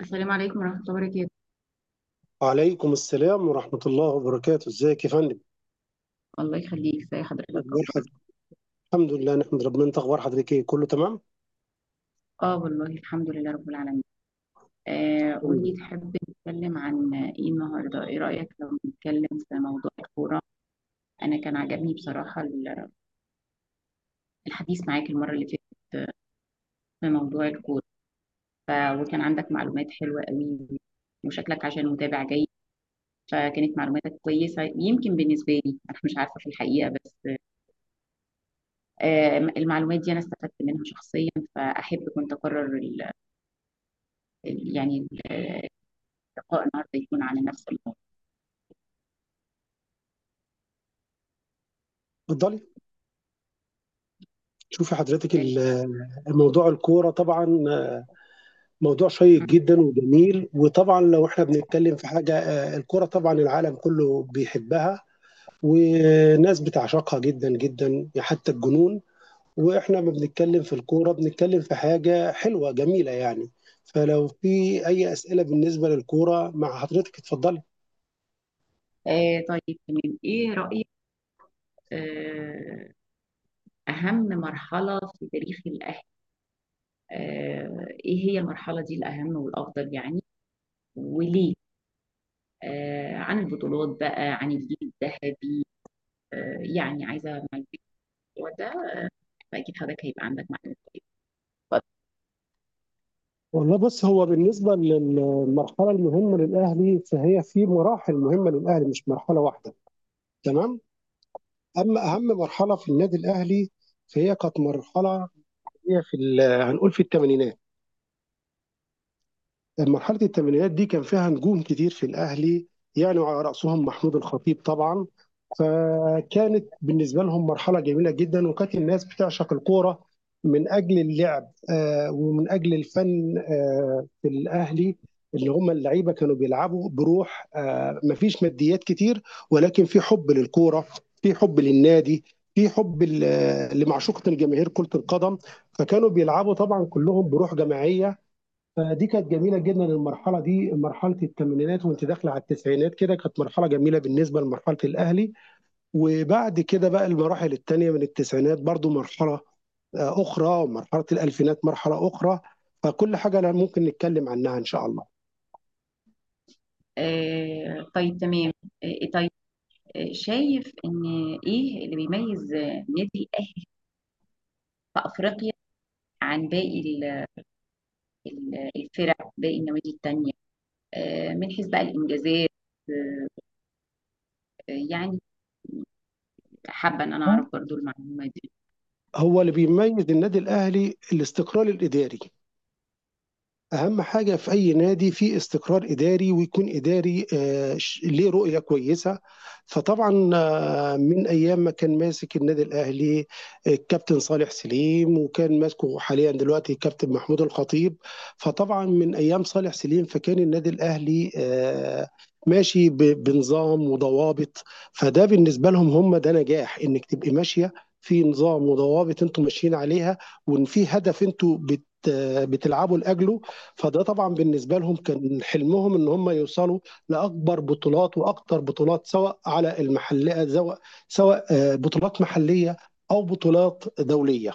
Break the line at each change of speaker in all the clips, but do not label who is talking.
السلام عليكم ورحمة الله وبركاته.
وعليكم السلام ورحمة الله وبركاته، ازيك يا فندم؟
الله يخليك، ازي حضرتك؟
اخبار
اخبارك؟
حضرتك. الحمد لله نحمد ربنا، انت اخبار حضرتك ايه، كله تمام؟
اه والله، الحمد لله رب العالمين.
الحمد
قولي،
لله.
تحب نتكلم عن ايه النهارده؟ ايه رأيك لو نتكلم في موضوع الكورة؟ انا كان عجبني بصراحة الحديث معاك المرة اللي فاتت في موضوع الكورة. وكان عندك معلومات حلوة قوي، وشكلك عشان متابع جيد، فكانت معلوماتك كويسة يمكن بالنسبة لي، انا مش عارفة في الحقيقة، بس المعلومات دي انا استفدت منها شخصيا، فاحب كنت اكرر يعني لقاء النهارده يكون عن نفس الموضوع.
اتفضلي. شوفي حضرتك موضوع الكورة طبعا موضوع شيق جدا وجميل، وطبعا لو احنا بنتكلم في حاجة الكورة طبعا العالم كله بيحبها، وناس بتعشقها جدا جدا حتى الجنون. واحنا ما بنتكلم في الكورة، بنتكلم في حاجة حلوة جميلة يعني. فلو في اي أسئلة بالنسبة للكورة مع حضرتك، اتفضلي.
طيب تمام، ايه رأيك؟ آه اهم مرحلة في تاريخ الاهل. ايه هي المرحلة دي الاهم والافضل يعني؟ وليه؟ عن البطولات بقى، عن الجيل الذهبي. يعني عايزة معلومات في الموضوع ده، فاكيد حضرتك هيبقى عندك معلومات كويسة. اتفضل.
والله بص، هو بالنسبة للمرحلة المهمة للأهلي، فهي في مراحل مهمة للأهلي، مش مرحلة واحدة. تمام. أما أهم مرحلة في النادي الأهلي فهي كانت مرحلة، هي في هنقول في الثمانينات. مرحلة الثمانينات دي كان فيها نجوم كتير في الأهلي يعني، وعلى رأسهم محمود الخطيب طبعا. فكانت بالنسبة لهم مرحلة جميلة جدا، وكانت الناس بتعشق الكورة من أجل اللعب ومن أجل الفن في الأهلي. اللي هم اللعيبة كانوا بيلعبوا بروح، مفيش ماديات كتير، ولكن في حب للكورة، في حب للنادي، في حب لمعشوقة الجماهير كرة القدم. فكانوا بيلعبوا طبعا كلهم بروح جماعية. فدي كانت جميله جدا المرحله دي، مرحله الثمانينات، وانت داخله على التسعينات كده، كانت مرحله جميله بالنسبه لمرحله الاهلي. وبعد كده بقى المراحل الثانيه من التسعينات برضو مرحله اخرى، ومرحله الالفينات مرحله اخرى. فكل حاجه لا ممكن نتكلم عنها ان شاء الله.
طيب تمام. طيب. شايف ان ايه اللي بيميز نادي الاهلي في افريقيا عن باقي الفرق، باقي النوادي التانية، من حيث بقى الإنجازات، آه، يعني حابة إن أنا أعرف برضو المعلومة دي.
هو اللي بيميز النادي الاهلي الاستقرار الاداري. اهم حاجه في اي نادي في استقرار اداري، ويكون اداري ليه رؤيه كويسه. فطبعا من ايام ما كان ماسك النادي الاهلي الكابتن صالح سليم، وكان ماسكه حاليا دلوقتي الكابتن محمود الخطيب. فطبعا من ايام صالح سليم فكان النادي الاهلي ماشي بنظام وضوابط. فده بالنسبه لهم هم ده نجاح، انك تبقي ماشيه في نظام وضوابط انتم ماشيين عليها، وان في هدف انتم بتلعبوا لاجله. فده طبعا بالنسبه لهم كان حلمهم ان هم يوصلوا لاكبر بطولات واكتر بطولات، سواء على المحليه، سواء بطولات محلية أو بطولات دولية.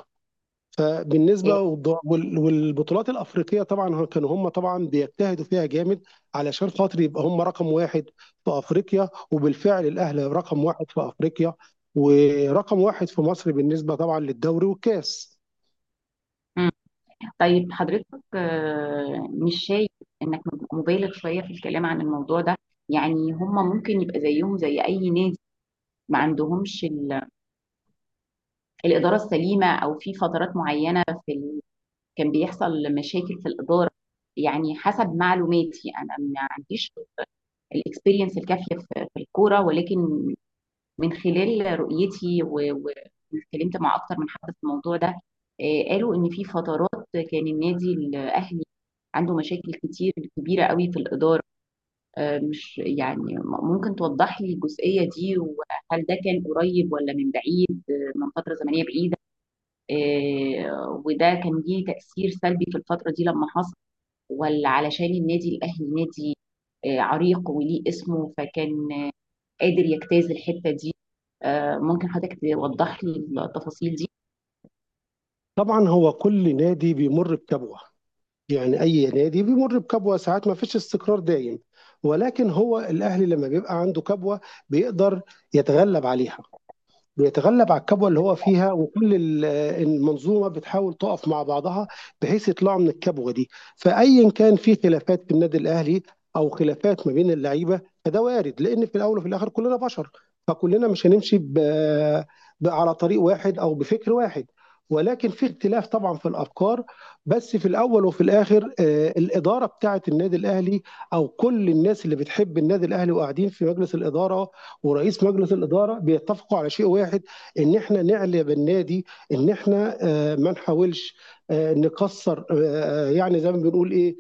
آه،
فبالنسبة والبطولات الأفريقية طبعا كانوا هم طبعا بيجتهدوا فيها جامد علشان خاطر يبقى هم رقم واحد في أفريقيا. وبالفعل الأهلي رقم واحد في أفريقيا، ورقم واحد في مصر بالنسبة طبعا للدوري والكاس.
مم. طيب حضرتك، مش شايف إنك مبالغ شوية في الكلام عن الموضوع ده؟ يعني هم ممكن يبقى زيهم زي أي نادي، ما عندهمش الإدارة السليمة، أو في فترات معينة كان بيحصل مشاكل في الإدارة. يعني حسب معلوماتي، أنا ما عنديش الاكسبيرينس الكافيه في الكوره، ولكن من خلال رؤيتي واتكلمت مع اكتر من حد في الموضوع ده. قالوا ان في فترات كان النادي الاهلي عنده مشاكل كتير كبيره قوي في الاداره. مش يعني ممكن توضح لي الجزئيه دي؟ وهل ده كان قريب ولا من بعيد؟ من فتره زمنيه بعيده؟ وده كان ليه تاثير سلبي في الفتره دي لما حصل؟ ولا علشان النادي الاهلي نادي عريق وليه اسمه، فكان قادر يجتاز الحته دي؟ ممكن حضرتك توضح لي التفاصيل دي؟
طبعا هو كل نادي بيمر بكبوة، يعني أي نادي بيمر بكبوة ساعات، ما فيش استقرار دايم. ولكن هو الأهلي لما بيبقى عنده كبوة بيقدر يتغلب عليها، بيتغلب على الكبوة اللي هو فيها، وكل المنظومة بتحاول تقف مع بعضها بحيث يطلعوا من الكبوة دي. فأيا كان في خلافات في النادي الأهلي أو خلافات ما بين اللعيبة، فده وارد، لأن في الأول وفي الآخر كلنا بشر. فكلنا مش هنمشي على طريق واحد أو بفكر واحد، ولكن في اختلاف طبعا في الافكار. بس في الاول وفي الاخر الاداره بتاعه النادي الاهلي، او كل الناس اللي بتحب النادي الاهلي وقاعدين في مجلس الاداره ورئيس مجلس الاداره، بيتفقوا على شيء واحد، ان احنا نعلي بالنادي، ان احنا ما نحاولش نكسر، يعني زي ما بنقول ايه،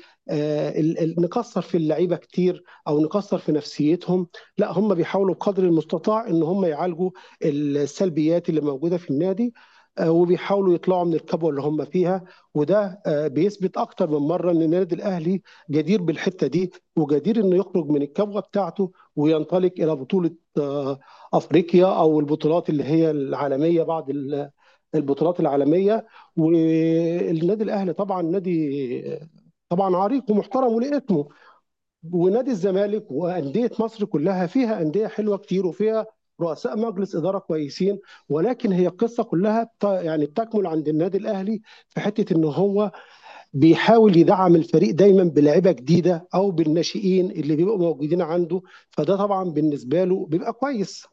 نكسر في اللعيبه كتير او نكسر في نفسيتهم. لا، هم بيحاولوا بقدر المستطاع ان هم يعالجوا السلبيات اللي موجوده في النادي، وبيحاولوا يطلعوا من الكبوه اللي هم فيها. وده بيثبت اكتر من مره ان النادي الاهلي جدير بالحته دي، وجدير انه يخرج من الكبوه بتاعته وينطلق الى بطوله آه، افريقيا او البطولات اللي هي العالميه، بعض البطولات العالميه. والنادي الاهلي طبعا نادي طبعا عريق ومحترم وليه اسمه، ونادي الزمالك وانديه مصر كلها، فيها انديه حلوه كتير وفيها رؤساء مجلس اداره كويسين. ولكن هي القصه كلها يعني بتكمل عند النادي الاهلي في حته ان هو بيحاول يدعم الفريق دايما بلاعيبه جديده او بالناشئين اللي بيبقوا موجودين عنده. فده طبعا بالنسبه له بيبقى كويس.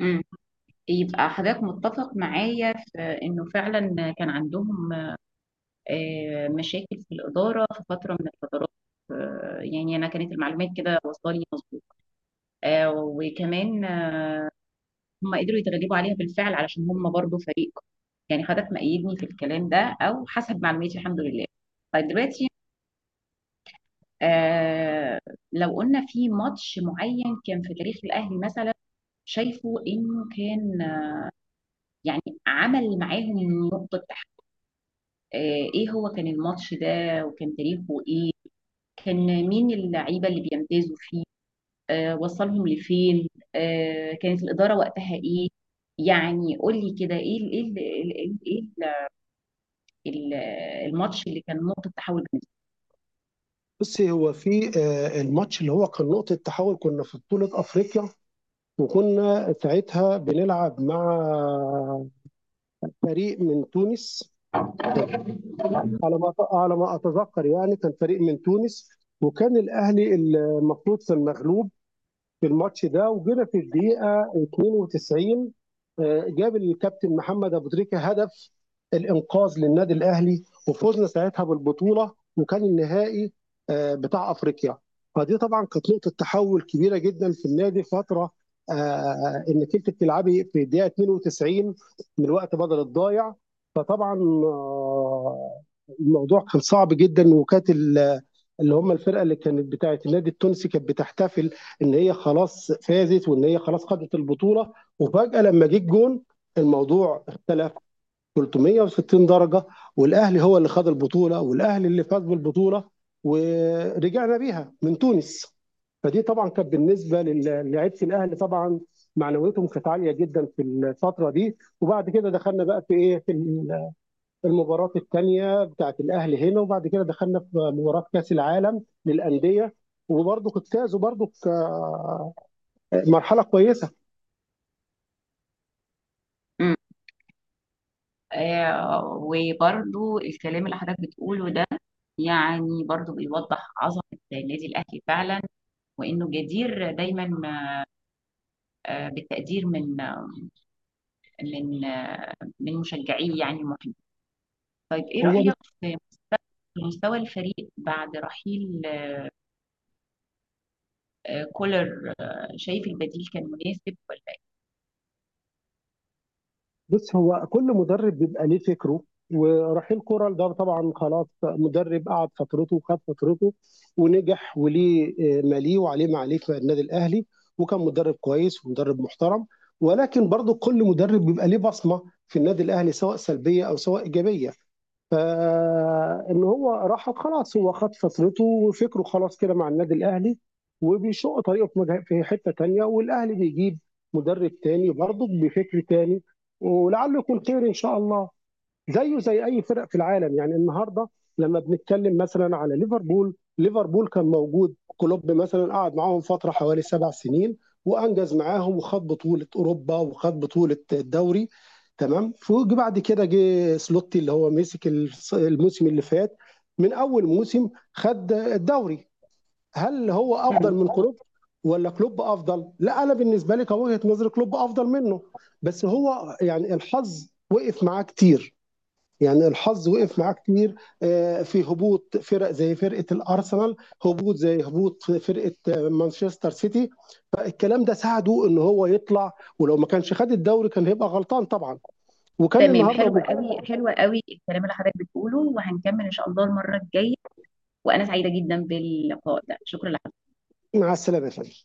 امم يبقى حضرتك متفق معايا في انه فعلا كان عندهم مشاكل في الاداره في فتره من الفترات. يعني انا كانت المعلومات كده واصله لي مظبوط. وكمان هم قدروا يتغلبوا عليها بالفعل، علشان هم برضو فريق. يعني حضرتك مأيدني في الكلام ده، او حسب معلوماتي، الحمد لله. طيب دلوقتي، آه لو قلنا في ماتش معين كان في تاريخ الاهلي، مثلا شايفه انه كان يعني عمل معاهم نقطة تحت. آه، ايه هو كان الماتش ده؟ وكان تاريخه ايه؟ كان مين اللعيبة اللي بيمتازوا فيه؟ وصلهم لفين؟ كانت الإدارة وقتها ايه؟ يعني قول لي كده، ايه ال- ايه ال- ايه ال- إيه ال- الماتش اللي كان نقطة تحول بالنسبة.
بصي، هو في الماتش اللي هو كان نقطة تحول، كنا في بطولة أفريقيا وكنا ساعتها بنلعب مع فريق من تونس، على ما أتذكر يعني، كان فريق من تونس، وكان الأهلي المفروض في المغلوب في الماتش ده. وجينا في الدقيقه 92 جاب الكابتن محمد ابو تريكه هدف الانقاذ للنادي الاهلي، وفوزنا ساعتها بالبطوله، وكان النهائي بتاع افريقيا. فدي طبعا كانت نقطه تحول كبيره جدا في النادي، فتره انك انت بتلعبي في الدقيقه 92 من وقت بدل الضايع. فطبعا آه، الموضوع كان صعب جدا، وكانت اللي هم الفرقه اللي كانت بتاعه النادي التونسي كانت بتحتفل ان هي خلاص فازت وان هي خلاص خدت البطوله. وفجاه لما جه الجون الموضوع اختلف 360 درجه، والاهلي هو اللي خد البطوله والاهلي اللي فاز بالبطوله، ورجعنا بيها من تونس. فدي طبعا كانت بالنسبه للاعيبه الاهلي طبعا معنويتهم كانت عاليه جدا في الفتره دي. وبعد كده دخلنا بقى في ايه، في المباراه الثانيه بتاعت الاهلي هنا، وبعد كده دخلنا في مباراه كاس العالم للانديه، وبرضه فازوا برضه مرحله كويسه.
مم. وبرضو الكلام اللي حضرتك بتقوله ده يعني برضو بيوضح عظمة النادي الأهلي فعلا، وإنه جدير دايما بالتقدير من من مشجعيه، يعني المحيط. طيب ايه
هو
رأيك في مستوى في مستوى الفريق بعد رحيل كولر؟ شايف البديل كان مناسب ولا؟
بص، هو كل مدرب بيبقى ليه فكره. ورحيل كورال ده طبعا خلاص، مدرب قعد فترته وخد فترته ونجح، وليه ماليه وعليه ما عليه في النادي الاهلي، وكان مدرب كويس ومدرب محترم. ولكن برضه كل مدرب بيبقى ليه بصمه في النادي الاهلي، سواء سلبيه او سواء ايجابيه. ان هو راح خلاص، هو خد فترته وفكره خلاص كده مع النادي الاهلي، وبيشق طريقه في في حته تانيه، والاهلي بيجيب مدرب تاني برضه بفكر تاني، ولعله يكون خير ان شاء الله. زيه زي اي فرق في العالم. يعني النهارده لما بنتكلم مثلا على ليفربول، ليفربول كان موجود كلوب مثلا قعد معاهم فتره حوالي 7 سنين وانجز معاهم وخد بطوله اوروبا وخد بطوله الدوري. تمام، فوجي بعد كده جه سلوتي اللي هو مسك الموسم اللي فات، من اول موسم خد الدوري. هل هو
إيه؟ مم.
افضل من كلوب ولا كلوب افضل؟ لا، انا بالنسبه لي كوجهه نظري كلوب افضل منه. بس هو يعني الحظ وقف معاه كتير، يعني الحظ وقف معاه كتير. في هبوط فرق زي فرقه الارسنال، هبوط زي هبوط فرقه مانشستر سيتي. فالكلام ده ساعده ان هو يطلع، ولو ما كانش خد الدوري كان هيبقى غلطان طبعا. وكان
تمام،
النهارده.
حلو قوي، حلو قوي الكلام اللي حضرتك بتقوله، وهنكمل ان شاء الله المره الجايه. وانا سعيده جدا باللقاء ده. شكرا.
مع السلامه يا فندم.